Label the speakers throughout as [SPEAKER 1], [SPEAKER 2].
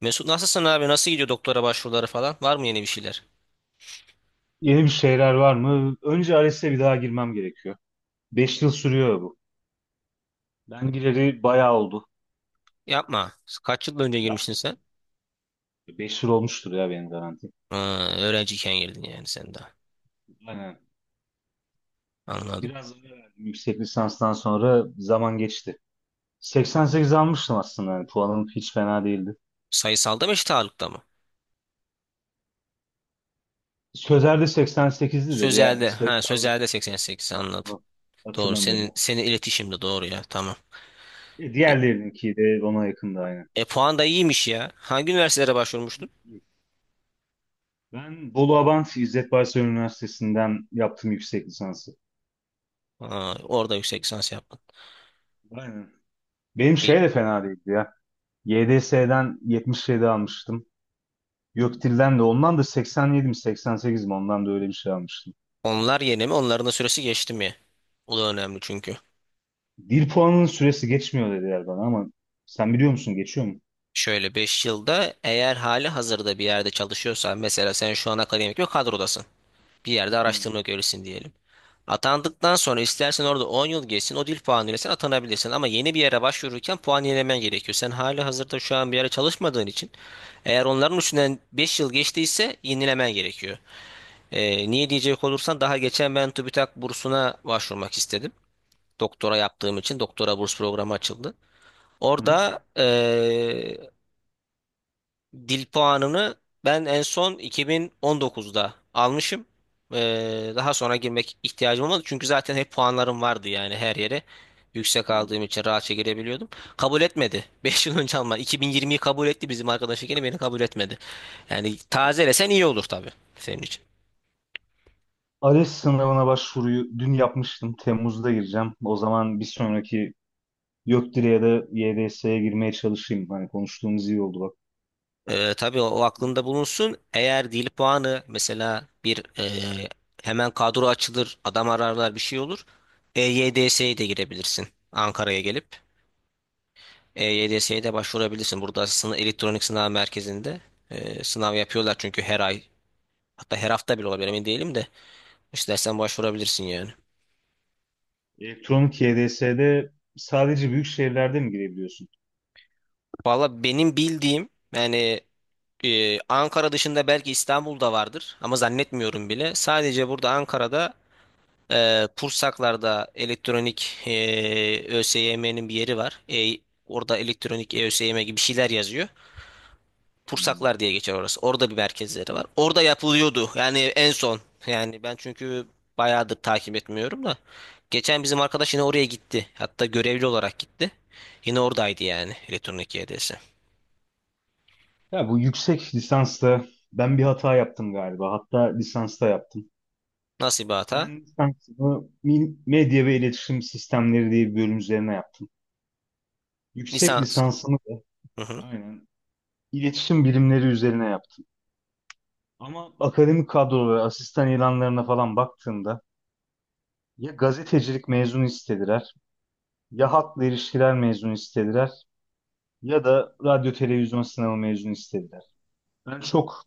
[SPEAKER 1] Mesut nasılsın abi? Nasıl gidiyor doktora başvuruları falan? Var mı yeni bir şeyler?
[SPEAKER 2] Yeni bir şeyler var mı? Önce ALES'e bir daha girmem gerekiyor. 5 yıl sürüyor bu. Ben gireli bayağı oldu.
[SPEAKER 1] Yapma. Kaç yıl önce girmiştin sen?
[SPEAKER 2] 5 yıl olmuştur ya benim garanti.
[SPEAKER 1] Ha, öğrenciyken girdin yani sen daha.
[SPEAKER 2] Aynen.
[SPEAKER 1] Anladım.
[SPEAKER 2] Biraz ara verdim yüksek lisanstan sonra zaman geçti. 88 almıştım aslında. Yani puanım hiç fena değildi.
[SPEAKER 1] Sayısalda mı eşit ağırlıkta mı?
[SPEAKER 2] Sözer'de 88'di dedi. Yani
[SPEAKER 1] Sözelde. Ha
[SPEAKER 2] 80,
[SPEAKER 1] sözelde 88 anladım. Doğru. Senin
[SPEAKER 2] hatırlamıyorum.
[SPEAKER 1] senin iletişimde doğru ya. Tamam. E,
[SPEAKER 2] Diğerlerinki de ona yakındı aynı.
[SPEAKER 1] Puan da iyiymiş ya. Hangi üniversitelere başvurmuştun?
[SPEAKER 2] Ben Bolu Abant İzzet Baysal Üniversitesi'nden yaptım yüksek lisansı.
[SPEAKER 1] Ha, orada yüksek lisans yaptın.
[SPEAKER 2] Aynen. Benim
[SPEAKER 1] E,
[SPEAKER 2] şey de fena değildi ya. YDS'den 77 almıştım. YÖKDİL'den de ondan da 87 mi 88 mi ondan da öyle bir şey almıştım.
[SPEAKER 1] Onlar yeni mi? Onların da süresi geçti mi? O da önemli çünkü.
[SPEAKER 2] Dil puanının süresi geçmiyor dediler bana, ama sen biliyor musun, geçiyor mu?
[SPEAKER 1] Şöyle 5 yılda eğer hali hazırda bir yerde çalışıyorsan mesela sen şu an akademik bir kadrodasın. Bir yerde
[SPEAKER 2] Hmm.
[SPEAKER 1] araştırma görevlisin diyelim. Atandıktan sonra istersen orada 10 yıl geçsin o dil puanıyla sen atanabilirsin. Ama yeni bir yere başvururken puan yenilemen gerekiyor. Sen hali hazırda şu an bir yere çalışmadığın için eğer onların üstünden 5 yıl geçtiyse yenilemen gerekiyor. Niye diyecek olursan daha geçen ben TÜBİTAK bursuna başvurmak istedim. Doktora yaptığım için doktora burs programı açıldı.
[SPEAKER 2] Hı hı.
[SPEAKER 1] Orada dil puanını ben en son 2019'da almışım. Daha sonra girmek ihtiyacım olmadı. Çünkü zaten hep puanlarım vardı yani her yere. Yüksek aldığım
[SPEAKER 2] Anladım.
[SPEAKER 1] için rahatça girebiliyordum. Kabul etmedi. 5 yıl önce Alman. 2020'yi kabul etti bizim arkadaş yine beni kabul etmedi. Yani
[SPEAKER 2] Hadi.
[SPEAKER 1] tazelesen iyi olur tabii senin için.
[SPEAKER 2] ALES sınavına başvuruyu dün yapmıştım. Temmuz'da gireceğim. O zaman bir sonraki YÖKDİL'e ya da YDS'ye girmeye çalışayım. Hani konuştuğumuz iyi oldu bak.
[SPEAKER 1] Tabii o aklında bulunsun. Eğer dil puanı mesela bir e, hemen kadro açılır, adam ararlar bir şey olur. EYDS'ye de girebilirsin Ankara'ya gelip. EYDS'ye de başvurabilirsin. Burada sınav, elektronik sınav merkezinde sınav yapıyorlar çünkü her ay, hatta her hafta bile olabilir, emin değilim de istersen başvurabilirsin yani.
[SPEAKER 2] Elektronik YDS'de sadece büyük şehirlerde mi girebiliyorsun?
[SPEAKER 1] Valla benim bildiğim yani Ankara dışında belki İstanbul'da vardır ama zannetmiyorum bile. Sadece burada Ankara'da Pursaklar'da elektronik, ÖSYM'nin bir yeri var. Orada elektronik ÖSYM gibi bir şeyler yazıyor.
[SPEAKER 2] Hmm.
[SPEAKER 1] Tursaklar diye geçer orası. Orada bir merkezleri var. Orada yapılıyordu. Yani en son. Yani ben çünkü bayağıdır takip etmiyorum da. Geçen bizim arkadaş yine oraya gitti. Hatta görevli olarak gitti. Yine oradaydı yani elektronik YDS.
[SPEAKER 2] Ya bu yüksek lisansta ben bir hata yaptım galiba. Hatta lisansta yaptım.
[SPEAKER 1] Nasıl bir hata?
[SPEAKER 2] Ben lisansımı medya ve iletişim sistemleri diye bir bölüm üzerine yaptım. Yüksek
[SPEAKER 1] Lisans.
[SPEAKER 2] lisansımı da
[SPEAKER 1] Hı hı.
[SPEAKER 2] aynen iletişim bilimleri üzerine yaptım. Ama akademik kadrolara, asistan ilanlarına falan baktığımda ya gazetecilik mezunu istediler, ya halkla ilişkiler mezunu istediler, ya da radyo televizyon sınavı mezunu istediler. Ben çok,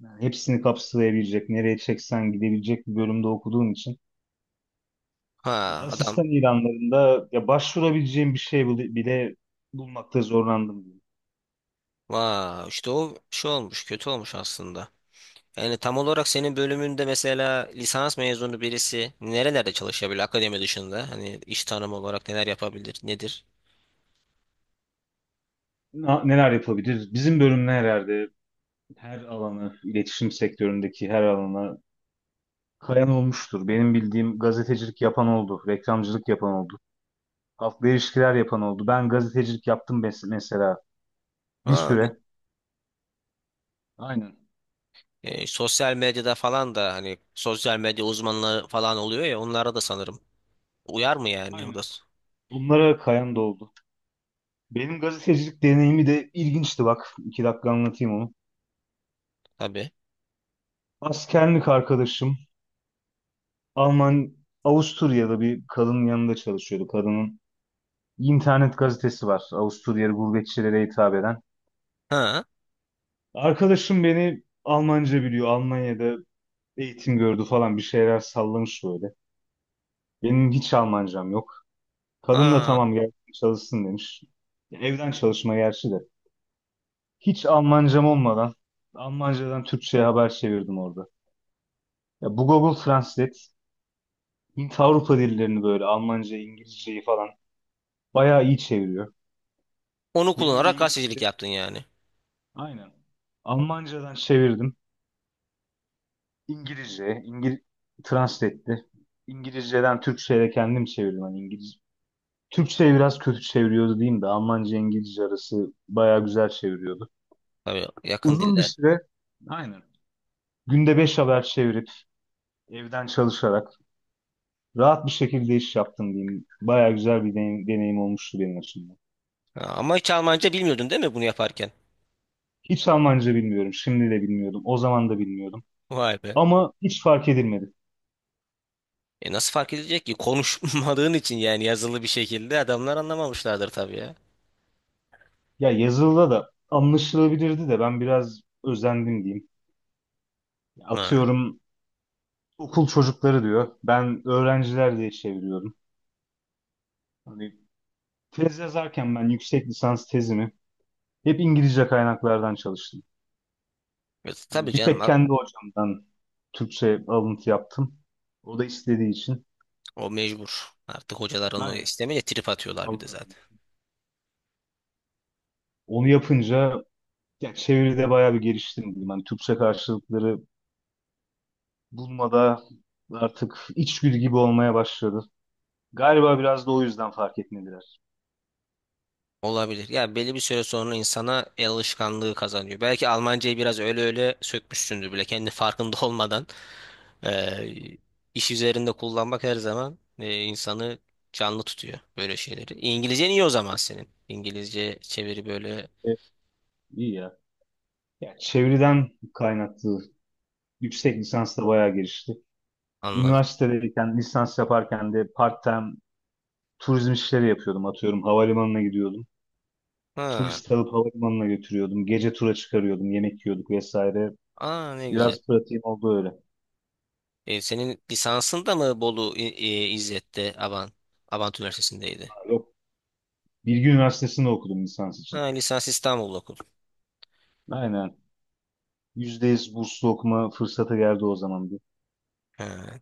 [SPEAKER 2] yani hepsini kapsayabilecek, nereye çeksen gidebilecek bir bölümde okuduğum için
[SPEAKER 1] Ha adam.
[SPEAKER 2] asistan ilanlarında ya başvurabileceğim bir şey bile bulmakta zorlandım, diyeyim.
[SPEAKER 1] Vaa işte o şey olmuş, kötü olmuş aslında. Yani tam olarak senin bölümünde mesela lisans mezunu birisi nerelerde çalışabilir akademi dışında? Hani iş tanımı olarak neler yapabilir, nedir?
[SPEAKER 2] Neler yapabilir? Bizim bölüm herhalde her alanı, iletişim sektöründeki her alana kayan olmuştur. Benim bildiğim gazetecilik yapan oldu, reklamcılık yapan oldu, halkla ilişkiler yapan oldu. Ben gazetecilik yaptım mesela bir
[SPEAKER 1] Ha.
[SPEAKER 2] süre. Aynen.
[SPEAKER 1] Sosyal medyada falan da hani sosyal medya uzmanları falan oluyor ya, onlara da sanırım. Uyar mı yani,
[SPEAKER 2] Aynen. Bunlara kayan da oldu. Benim gazetecilik deneyimi de ilginçti bak. 2 dakika anlatayım onu.
[SPEAKER 1] tabii.
[SPEAKER 2] Askerlik arkadaşım Alman Avusturya'da bir kadının yanında çalışıyordu. Kadının internet gazetesi var. Avusturyalı gurbetçilere hitap eden.
[SPEAKER 1] Ha
[SPEAKER 2] Arkadaşım beni Almanca biliyor. Almanya'da eğitim gördü falan bir şeyler sallamış böyle. Benim hiç Almancam yok. Kadın da
[SPEAKER 1] ha.
[SPEAKER 2] tamam gel çalışsın demiş. Evden çalışma gerçi de. Hiç Almancam olmadan Almancadan Türkçe'ye haber çevirdim orada. Ya bu Google Translate Hint Avrupa dillerini böyle Almanca, İngilizceyi falan bayağı iyi çeviriyor.
[SPEAKER 1] Onu
[SPEAKER 2] Benim de
[SPEAKER 1] kullanarak
[SPEAKER 2] İngilizce,
[SPEAKER 1] gazetecilik yaptın yani.
[SPEAKER 2] aynen, Almancadan çevirdim. İngilizce translate etti. İngilizceden Türkçe'ye de kendim çevirdim. Hani İngiliz Türkçe'yi biraz kötü çeviriyordu diyeyim de Almanca İngilizce arası bayağı güzel çeviriyordu.
[SPEAKER 1] Tabii, yakın
[SPEAKER 2] Uzun bir
[SPEAKER 1] diller.
[SPEAKER 2] süre, aynen, günde 5 haber çevirip evden çalışarak rahat bir şekilde iş yaptım, diyeyim. Bayağı güzel bir deneyim, deneyim olmuştu benim açımdan.
[SPEAKER 1] Ha, ama hiç Almanca bilmiyordun değil mi bunu yaparken?
[SPEAKER 2] Hiç Almanca bilmiyorum. Şimdi de bilmiyordum. O zaman da bilmiyordum.
[SPEAKER 1] Vay be.
[SPEAKER 2] Ama hiç fark edilmedi.
[SPEAKER 1] E nasıl fark edilecek ki? Konuşmadığın için yani yazılı bir şekilde adamlar anlamamışlardır tabii ya.
[SPEAKER 2] Ya yazılıda da anlaşılabilirdi de ben biraz özendim, diyeyim.
[SPEAKER 1] Ha.
[SPEAKER 2] Atıyorum okul çocukları diyor. Ben öğrenciler diye çeviriyorum. Hani tez yazarken ben yüksek lisans tezimi hep İngilizce kaynaklardan çalıştım.
[SPEAKER 1] Tabii
[SPEAKER 2] Hani bir
[SPEAKER 1] canım,
[SPEAKER 2] tek kendi hocamdan Türkçe alıntı yaptım. O da istediği için.
[SPEAKER 1] o mecbur. Artık hocalar onu
[SPEAKER 2] Aynen.
[SPEAKER 1] istemeye trip atıyorlar bir de
[SPEAKER 2] Aldı.
[SPEAKER 1] zaten.
[SPEAKER 2] Onu yapınca ya çeviride bayağı bir geliştim, diyeyim. Hani Türkçe karşılıkları bulmada artık içgüdü gibi olmaya başladı. Galiba biraz da o yüzden fark etmediler.
[SPEAKER 1] Olabilir. Ya belli bir süre sonra insana el alışkanlığı kazanıyor. Belki Almancayı biraz öyle öyle sökmüşsündür bile kendi farkında olmadan, eee, iş üzerinde kullanmak her zaman insanı canlı tutuyor böyle şeyleri. İngilizcen iyi o zaman senin. İngilizce çeviri böyle,
[SPEAKER 2] Evet, iyi ya. Ya çeviriden kaynaklı yüksek lisans da bayağı gelişti.
[SPEAKER 1] anladım.
[SPEAKER 2] Üniversitedeyken lisans yaparken de part-time turizm işleri yapıyordum. Atıyorum havalimanına gidiyordum.
[SPEAKER 1] Ha,
[SPEAKER 2] Turist alıp havalimanına götürüyordum. Gece tura çıkarıyordum. Yemek yiyorduk vesaire.
[SPEAKER 1] aa ne güzel.
[SPEAKER 2] Biraz pratiğim oldu öyle.
[SPEAKER 1] E, senin lisansın da mı Bolu İzzet'te Abant Üniversitesi'ndeydi?
[SPEAKER 2] Yok. Bilgi Üniversitesi'nde okudum lisans
[SPEAKER 1] Ha,
[SPEAKER 2] için.
[SPEAKER 1] lisans İstanbul'da okudun.
[SPEAKER 2] Aynen. %100 burslu okuma fırsatı geldi o zaman bir.
[SPEAKER 1] Ha.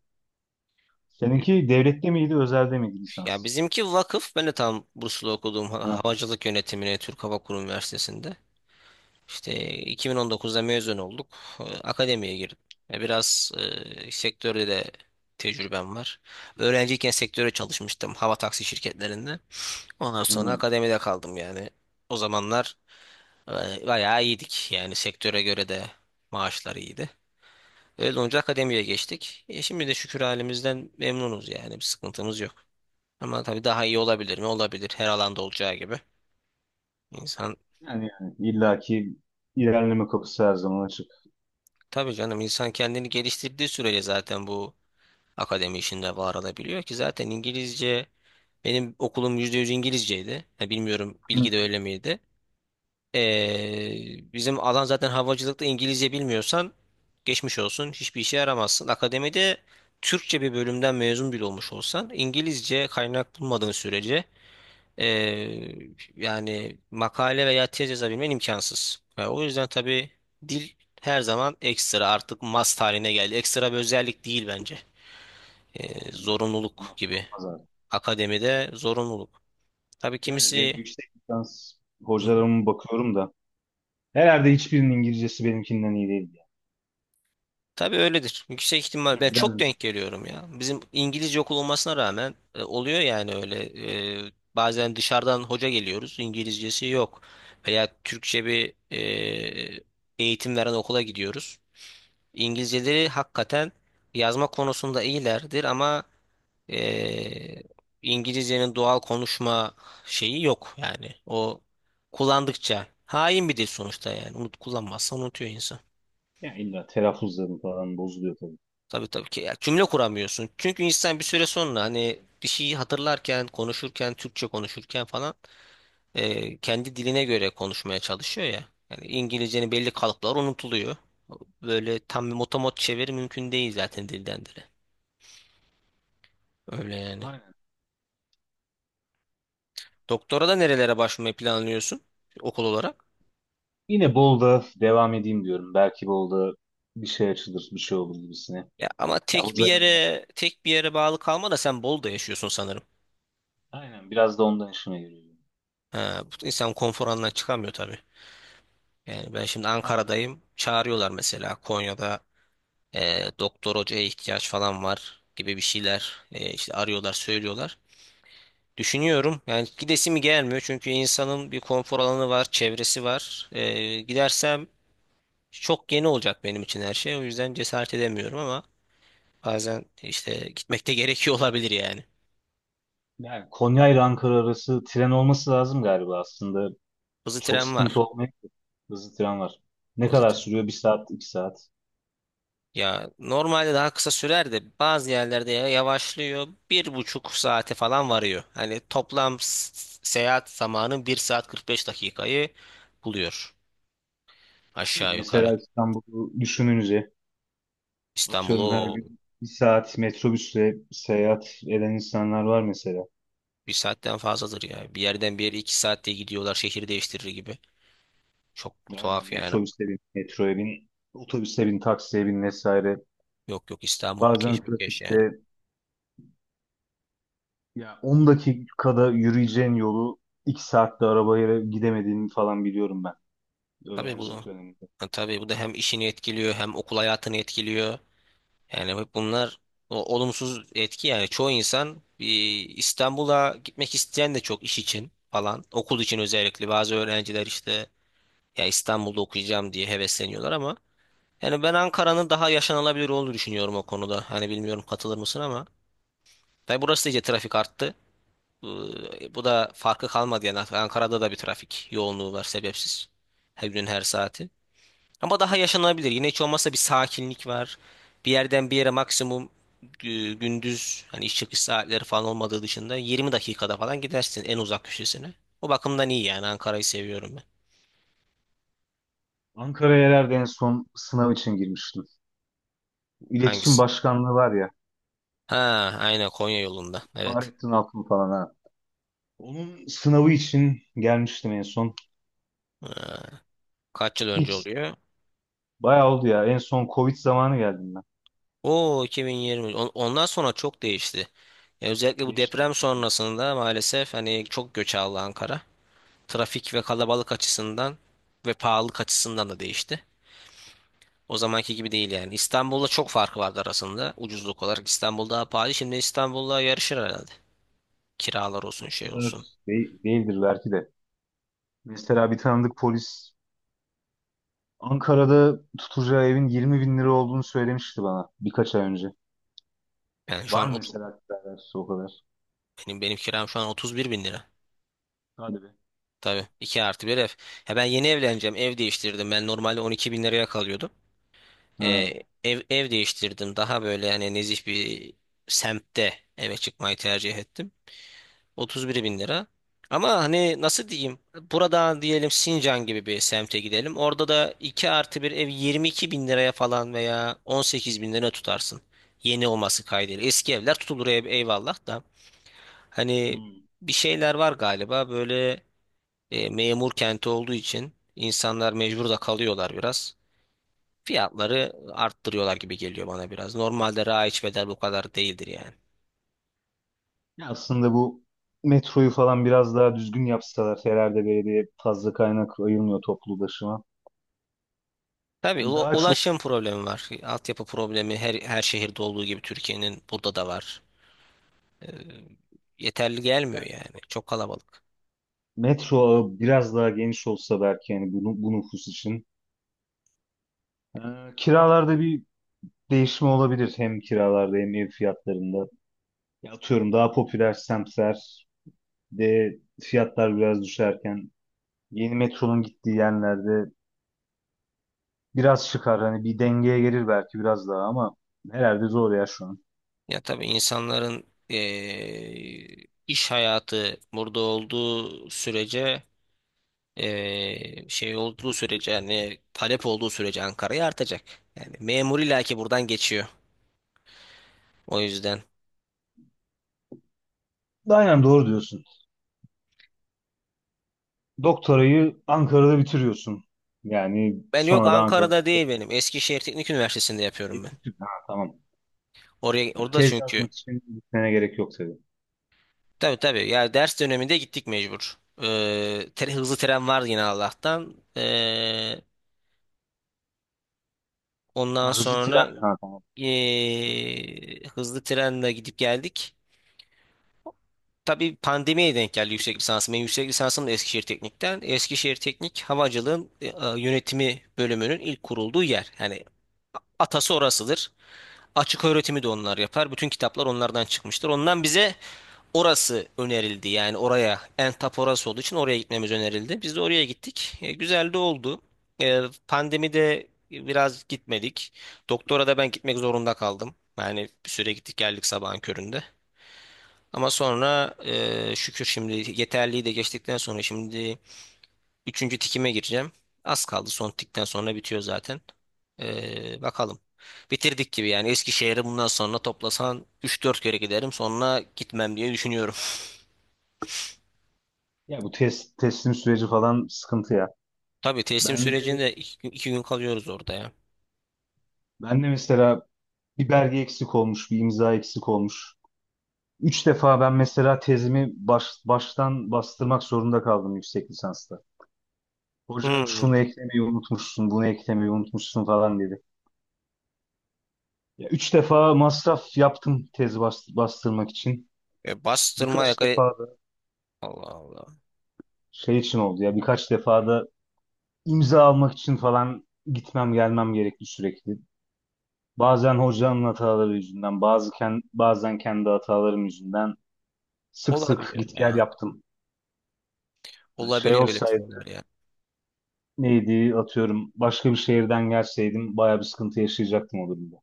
[SPEAKER 2] Seninki devlette miydi, özelde miydi
[SPEAKER 1] Ya
[SPEAKER 2] lisans?
[SPEAKER 1] bizimki vakıf. Ben de tam burslu okuduğum
[SPEAKER 2] Ha,
[SPEAKER 1] havacılık yönetimine Türk Hava Kurum Üniversitesi'nde. İşte 2019'da mezun olduk. Akademiye girdim. Ya biraz sektörde de tecrübem var. Öğrenciyken sektöre çalışmıştım hava taksi şirketlerinde. Ondan sonra
[SPEAKER 2] hı.
[SPEAKER 1] akademide kaldım yani. O zamanlar bayağı iyiydik. Yani sektöre göre de maaşlar iyiydi. Öyle olunca akademiye geçtik. Şimdi de şükür halimizden memnunuz yani bir sıkıntımız yok. Ama tabii daha iyi olabilir mi? Olabilir. Her alanda olacağı gibi. İnsan
[SPEAKER 2] Yani illaki ilerleme kapısı her zaman açık.
[SPEAKER 1] tabii canım, insan kendini geliştirdiği sürece zaten bu akademi işinde var olabiliyor ki zaten İngilizce, benim okulum %100 İngilizceydi. Ha, bilmiyorum
[SPEAKER 2] Hı.
[SPEAKER 1] bilgi de öyle miydi? Bizim alan zaten havacılıkta İngilizce bilmiyorsan geçmiş olsun, hiçbir işe yaramazsın. Akademide Türkçe bir bölümden mezun bile olmuş olsan İngilizce kaynak bulmadığın sürece Ee, yani makale veya tez yazabilmen imkansız. Yani o yüzden tabii dil her zaman ekstra, artık must haline geldi. Ekstra bir özellik değil bence.
[SPEAKER 2] Hı.
[SPEAKER 1] Zorunluluk
[SPEAKER 2] Madde
[SPEAKER 1] gibi.
[SPEAKER 2] olmaz abi.
[SPEAKER 1] Akademide zorunluluk. Tabii
[SPEAKER 2] Gerçi benim
[SPEAKER 1] kimisi.
[SPEAKER 2] yüksek lisans
[SPEAKER 1] Hı hı.
[SPEAKER 2] hocalarıma bakıyorum da herhalde hiçbirinin İngilizcesi benimkinden iyi değil, ya.
[SPEAKER 1] Tabii öyledir. Yüksek ihtimal
[SPEAKER 2] Ya
[SPEAKER 1] ben çok
[SPEAKER 2] biraz
[SPEAKER 1] denk geliyorum ya. Bizim İngilizce okul olmasına rağmen oluyor yani öyle. Bazen dışarıdan hoca geliyoruz. İngilizcesi yok. Veya Türkçe bir eğitim veren okula gidiyoruz. İngilizceleri hakikaten yazma konusunda iyilerdir ama eee, İngilizcenin doğal konuşma şeyi yok yani. O kullandıkça hain bir dil sonuçta yani. Unut kullanmazsa unutuyor insan.
[SPEAKER 2] ya illa telaffuzları falan bozuluyor tabii.
[SPEAKER 1] Tabii, tabii ki ya, cümle kuramıyorsun. Çünkü insan bir süre sonra hani bir şeyi hatırlarken, konuşurken, Türkçe konuşurken falan, kendi diline göre konuşmaya çalışıyor ya. Yani İngilizcenin belli kalıpları unutuluyor. Böyle tam bir motomot çeviri mümkün değil zaten dilden dile. Öyle yani.
[SPEAKER 2] Aynen.
[SPEAKER 1] Doktora da nerelere başvurmayı planlıyorsun okul olarak?
[SPEAKER 2] Yine Bolu'da devam edeyim diyorum. Belki Bolu'da bir şey açılır, bir şey olur gibisine.
[SPEAKER 1] Ya ama
[SPEAKER 2] Ya
[SPEAKER 1] tek bir
[SPEAKER 2] hocalarım.
[SPEAKER 1] yere tek bir yere bağlı kalma da sen Bolu'da yaşıyorsun sanırım.
[SPEAKER 2] Aynen. Biraz da ondan işime geliyor.
[SPEAKER 1] Ha, bu insan konfor alanından çıkamıyor tabii. Yani ben şimdi
[SPEAKER 2] Aynen.
[SPEAKER 1] Ankara'dayım. Çağırıyorlar mesela Konya'da doktor hocaya ihtiyaç falan var gibi bir şeyler, işte arıyorlar söylüyorlar. Düşünüyorum yani gidesi mi gelmiyor çünkü insanın bir konfor alanı var, çevresi var. E, gidersem çok yeni olacak benim için her şey, o yüzden cesaret edemiyorum ama. Bazen işte gitmekte gerekiyor olabilir yani.
[SPEAKER 2] Yani Konya ile Ankara arası tren olması lazım galiba aslında.
[SPEAKER 1] Hızlı
[SPEAKER 2] Çok
[SPEAKER 1] tren
[SPEAKER 2] sıkıntı
[SPEAKER 1] var.
[SPEAKER 2] olmayabilir. Hızlı tren var. Ne
[SPEAKER 1] Hızlı
[SPEAKER 2] kadar
[SPEAKER 1] tren.
[SPEAKER 2] sürüyor? Bir saat, iki saat.
[SPEAKER 1] Ya normalde daha kısa sürer de bazı yerlerde yavaşlıyor. Bir buçuk saate falan varıyor. Hani toplam seyahat zamanı bir saat 45 dakikayı buluyor. Aşağı yukarı.
[SPEAKER 2] Mesela İstanbul'u düşününce atıyorum her
[SPEAKER 1] İstanbul'u
[SPEAKER 2] gün bir saat metrobüsle seyahat eden insanlar var mesela.
[SPEAKER 1] bir saatten fazladır ya. Bir yerden bir yere iki saatte gidiyorlar şehir değiştirir gibi. Çok
[SPEAKER 2] Aynen
[SPEAKER 1] tuhaf yani.
[SPEAKER 2] metrobüse bin, metroya bin, otobüse bin, taksiye bin vesaire.
[SPEAKER 1] Yok yok, İstanbul
[SPEAKER 2] Bazen
[SPEAKER 1] keşmekeş yani.
[SPEAKER 2] trafikte ya 10 dakikada yürüyeceğin yolu 2 saatte arabaya gidemediğini falan biliyorum ben
[SPEAKER 1] Tabii bu,
[SPEAKER 2] öğrencilik döneminde.
[SPEAKER 1] tabii bu da hem işini etkiliyor hem okul hayatını etkiliyor. Yani hep bunlar olumsuz etki yani çoğu insan bir İstanbul'a gitmek isteyen de çok, iş için falan, okul için özellikle, bazı öğrenciler işte ya İstanbul'da okuyacağım diye hevesleniyorlar ama yani ben Ankara'nın daha yaşanılabilir olduğunu düşünüyorum o konuda. Hani bilmiyorum katılır mısın ama tabii burası da iyice trafik arttı. Bu da farkı kalmadı yani Ankara'da da bir trafik yoğunluğu var sebepsiz. Her gün her saati. Ama daha yaşanabilir. Yine hiç olmazsa bir sakinlik var. Bir yerden bir yere maksimum gündüz hani iş çıkış saatleri falan olmadığı dışında 20 dakikada falan gidersin en uzak köşesine. O bakımdan iyi yani Ankara'yı seviyorum ben.
[SPEAKER 2] Ankara'ya herhalde en son sınav için girmiştim. İletişim
[SPEAKER 1] Hangisi?
[SPEAKER 2] Başkanlığı var ya,
[SPEAKER 1] Ha, aynen Konya yolunda. Evet.
[SPEAKER 2] Fahrettin Altun falan, ha. Onun sınavı için gelmiştim en son.
[SPEAKER 1] Kaç yıl önce
[SPEAKER 2] İlk
[SPEAKER 1] oluyor?
[SPEAKER 2] Bayağı oldu ya. En son Covid zamanı geldim ben.
[SPEAKER 1] Oo 2020. Ondan sonra çok değişti. Ya özellikle bu
[SPEAKER 2] Değişti
[SPEAKER 1] deprem
[SPEAKER 2] mi?
[SPEAKER 1] sonrasında maalesef hani çok göç aldı Ankara. Trafik ve kalabalık açısından ve pahalılık açısından da değişti. O zamanki gibi değil yani. İstanbul'la çok farkı vardı arasında. Ucuzluk olarak İstanbul daha pahalı. Şimdi İstanbul'la yarışır herhalde. Kiralar olsun
[SPEAKER 2] Bu
[SPEAKER 1] şey
[SPEAKER 2] kadar
[SPEAKER 1] olsun.
[SPEAKER 2] değildir belki de. Mesela bir tanıdık polis Ankara'da tutacağı evin 20 bin lira olduğunu söylemişti bana birkaç ay önce.
[SPEAKER 1] Yani şu
[SPEAKER 2] Var
[SPEAKER 1] an
[SPEAKER 2] mı mesela alakası o kadar?
[SPEAKER 1] benim kiram şu an 31 bin lira.
[SPEAKER 2] Hadi be.
[SPEAKER 1] Tabii 2 artı bir ev. Ya ben yeni evleneceğim. Ev değiştirdim. Ben normalde 12 bin liraya kalıyordum.
[SPEAKER 2] Ha.
[SPEAKER 1] Ee, ev değiştirdim. Daha böyle yani nezih bir semtte eve çıkmayı tercih ettim. 31 bin lira. Ama hani nasıl diyeyim? Buradan diyelim Sincan gibi bir semte gidelim. Orada da 2 artı bir ev 22 bin liraya falan veya 18 bin lira tutarsın. Yeni olması kaydıyla. Eski evler tutulur ev, eyvallah da. Hani
[SPEAKER 2] Hmm.
[SPEAKER 1] bir şeyler var galiba böyle, memur kenti olduğu için insanlar mecbur da kalıyorlar biraz. Fiyatları arttırıyorlar gibi geliyor bana biraz. Normalde raiç bedel bu kadar değildir yani.
[SPEAKER 2] Ya aslında bu metroyu falan biraz daha düzgün yapsalar herhalde belediye fazla kaynak ayırmıyor toplu ulaşıma.
[SPEAKER 1] Tabii
[SPEAKER 2] Hani daha çok
[SPEAKER 1] ulaşım problemi var. Altyapı problemi her şehirde olduğu gibi Türkiye'nin burada da var. Ee, Yeterli gelmiyor
[SPEAKER 2] ya,
[SPEAKER 1] yani. Çok kalabalık.
[SPEAKER 2] metro ağı biraz daha geniş olsa belki yani bu nüfus için. Ee, Kiralarda bir değişimi olabilir hem kiralarda hem ev fiyatlarında. Ya atıyorum daha popüler semtler de fiyatlar biraz düşerken yeni metronun gittiği yerlerde biraz çıkar. Hani bir dengeye gelir belki biraz daha ama herhalde zor ya şu an.
[SPEAKER 1] Ya tabii insanların iş hayatı burada olduğu sürece şey olduğu sürece yani talep olduğu sürece Ankara'ya artacak. Yani memur illa ki buradan geçiyor. O yüzden.
[SPEAKER 2] Aynen doğru diyorsun. Doktorayı Ankara'da bitiriyorsun. Yani
[SPEAKER 1] Ben yok,
[SPEAKER 2] sonra da Ankara.
[SPEAKER 1] Ankara'da değil benim. Eskişehir Teknik Üniversitesi'nde yapıyorum ben.
[SPEAKER 2] Ha, tamam.
[SPEAKER 1] Oraya,
[SPEAKER 2] Ya,
[SPEAKER 1] orada
[SPEAKER 2] tez
[SPEAKER 1] çünkü
[SPEAKER 2] yazmak için gitmene gerek yok tabii.
[SPEAKER 1] tabii, tabii. Yani ders döneminde gittik mecbur. Hızlı tren var yine Allah'tan. Ondan
[SPEAKER 2] Ha, hızlı tren.
[SPEAKER 1] sonra
[SPEAKER 2] Ha, tamam.
[SPEAKER 1] hızlı trenle gidip geldik. Tabii pandemiye denk geldi yüksek lisansım. Benim yüksek lisansım da Eskişehir Teknik'ten. Eskişehir Teknik Havacılığın yönetimi bölümünün ilk kurulduğu yer. Yani atası orasıdır. Açık öğretimi de onlar yapar. Bütün kitaplar onlardan çıkmıştır. Ondan bize orası önerildi yani, oraya en tap orası olduğu için oraya gitmemiz önerildi. Biz de oraya gittik. E, güzel de oldu. E, pandemide biraz gitmedik. Doktora da ben gitmek zorunda kaldım. Yani bir süre gittik geldik sabahın köründe. Ama sonra şükür şimdi yeterliği de geçtikten sonra şimdi üçüncü tikime gireceğim. Az kaldı, son tikten sonra bitiyor zaten. E, bakalım. Bitirdik gibi yani Eskişehir'e bundan sonra toplasan üç dört kere giderim sonra gitmem diye düşünüyorum.
[SPEAKER 2] Ya bu teslim süreci falan sıkıntı ya.
[SPEAKER 1] Tabii teslim
[SPEAKER 2] Ben de,
[SPEAKER 1] sürecinde iki gün kalıyoruz orada ya.
[SPEAKER 2] ben de mesela bir belge eksik olmuş, bir imza eksik olmuş. Üç defa ben mesela tezimi baştan bastırmak zorunda kaldım yüksek lisansta. Hoca
[SPEAKER 1] Hmm.
[SPEAKER 2] şunu eklemeyi unutmuşsun, bunu eklemeyi unutmuşsun falan dedi. Ya üç defa masraf yaptım tez bastırmak için.
[SPEAKER 1] E, bastırma
[SPEAKER 2] Birkaç
[SPEAKER 1] yakayı...
[SPEAKER 2] defa da
[SPEAKER 1] Allah Allah.
[SPEAKER 2] şey için oldu ya, birkaç defa da imza almak için falan gitmem gelmem gerekti sürekli. Bazen hocanın hataları yüzünden, bazen kendi hatalarım yüzünden sık sık
[SPEAKER 1] Olabiliyor
[SPEAKER 2] git gel
[SPEAKER 1] ya.
[SPEAKER 2] yaptım. Yani şey
[SPEAKER 1] Olabiliyor öyle
[SPEAKER 2] olsaydı
[SPEAKER 1] şeyler ya.
[SPEAKER 2] neydi atıyorum başka bir şehirden gelseydim bayağı bir sıkıntı yaşayacaktım o durumda.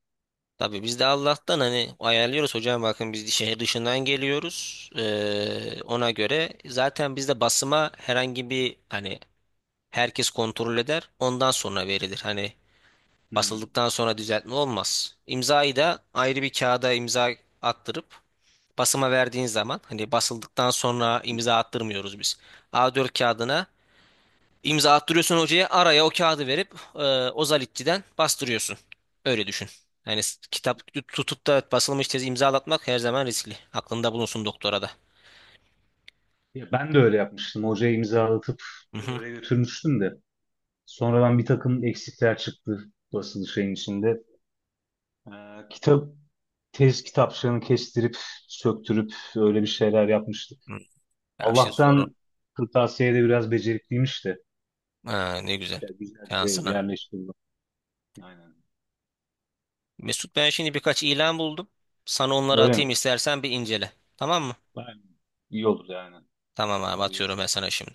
[SPEAKER 1] Tabii biz de Allah'tan hani ayarlıyoruz, hocam bakın biz şehir dışından geliyoruz. Ona göre zaten bizde basıma herhangi bir hani herkes kontrol eder. Ondan sonra verilir. Hani
[SPEAKER 2] Hmm.
[SPEAKER 1] basıldıktan sonra düzeltme olmaz. İmzayı da ayrı bir kağıda imza attırıp, basıma verdiğin zaman hani basıldıktan sonra imza attırmıyoruz biz. A4 kağıdına imza attırıyorsun hocaya, araya o kağıdı verip Ozalitçi'den bastırıyorsun. Öyle düşün. Yani kitap tutup da basılmış tezi imzalatmak her zaman riskli. Aklında bulunsun doktora da.
[SPEAKER 2] Ya ben de öyle yapmıştım. Hocaya imzalatıp
[SPEAKER 1] Hı hı.
[SPEAKER 2] öyle götürmüştüm de. Sonradan bir takım eksikler çıktı basılı şeyin içinde. Kitap Tez kitapçığını kestirip söktürüp öyle bir şeyler yapmıştık.
[SPEAKER 1] Hı. Ya şey zoru.
[SPEAKER 2] Allah'tan kırtasiyede biraz becerikliymiş de.
[SPEAKER 1] Ha, ne güzel.
[SPEAKER 2] Ya güzelce
[SPEAKER 1] Şansına.
[SPEAKER 2] yerleştirdim. Aynen.
[SPEAKER 1] Mesut, ben şimdi birkaç ilan buldum. Sana onları
[SPEAKER 2] Öyle mi?
[SPEAKER 1] atayım, istersen bir incele. Tamam mı?
[SPEAKER 2] Aynen. İyi olur yani.
[SPEAKER 1] Tamam abi,
[SPEAKER 2] Öyle
[SPEAKER 1] atıyorum ben sana şimdi.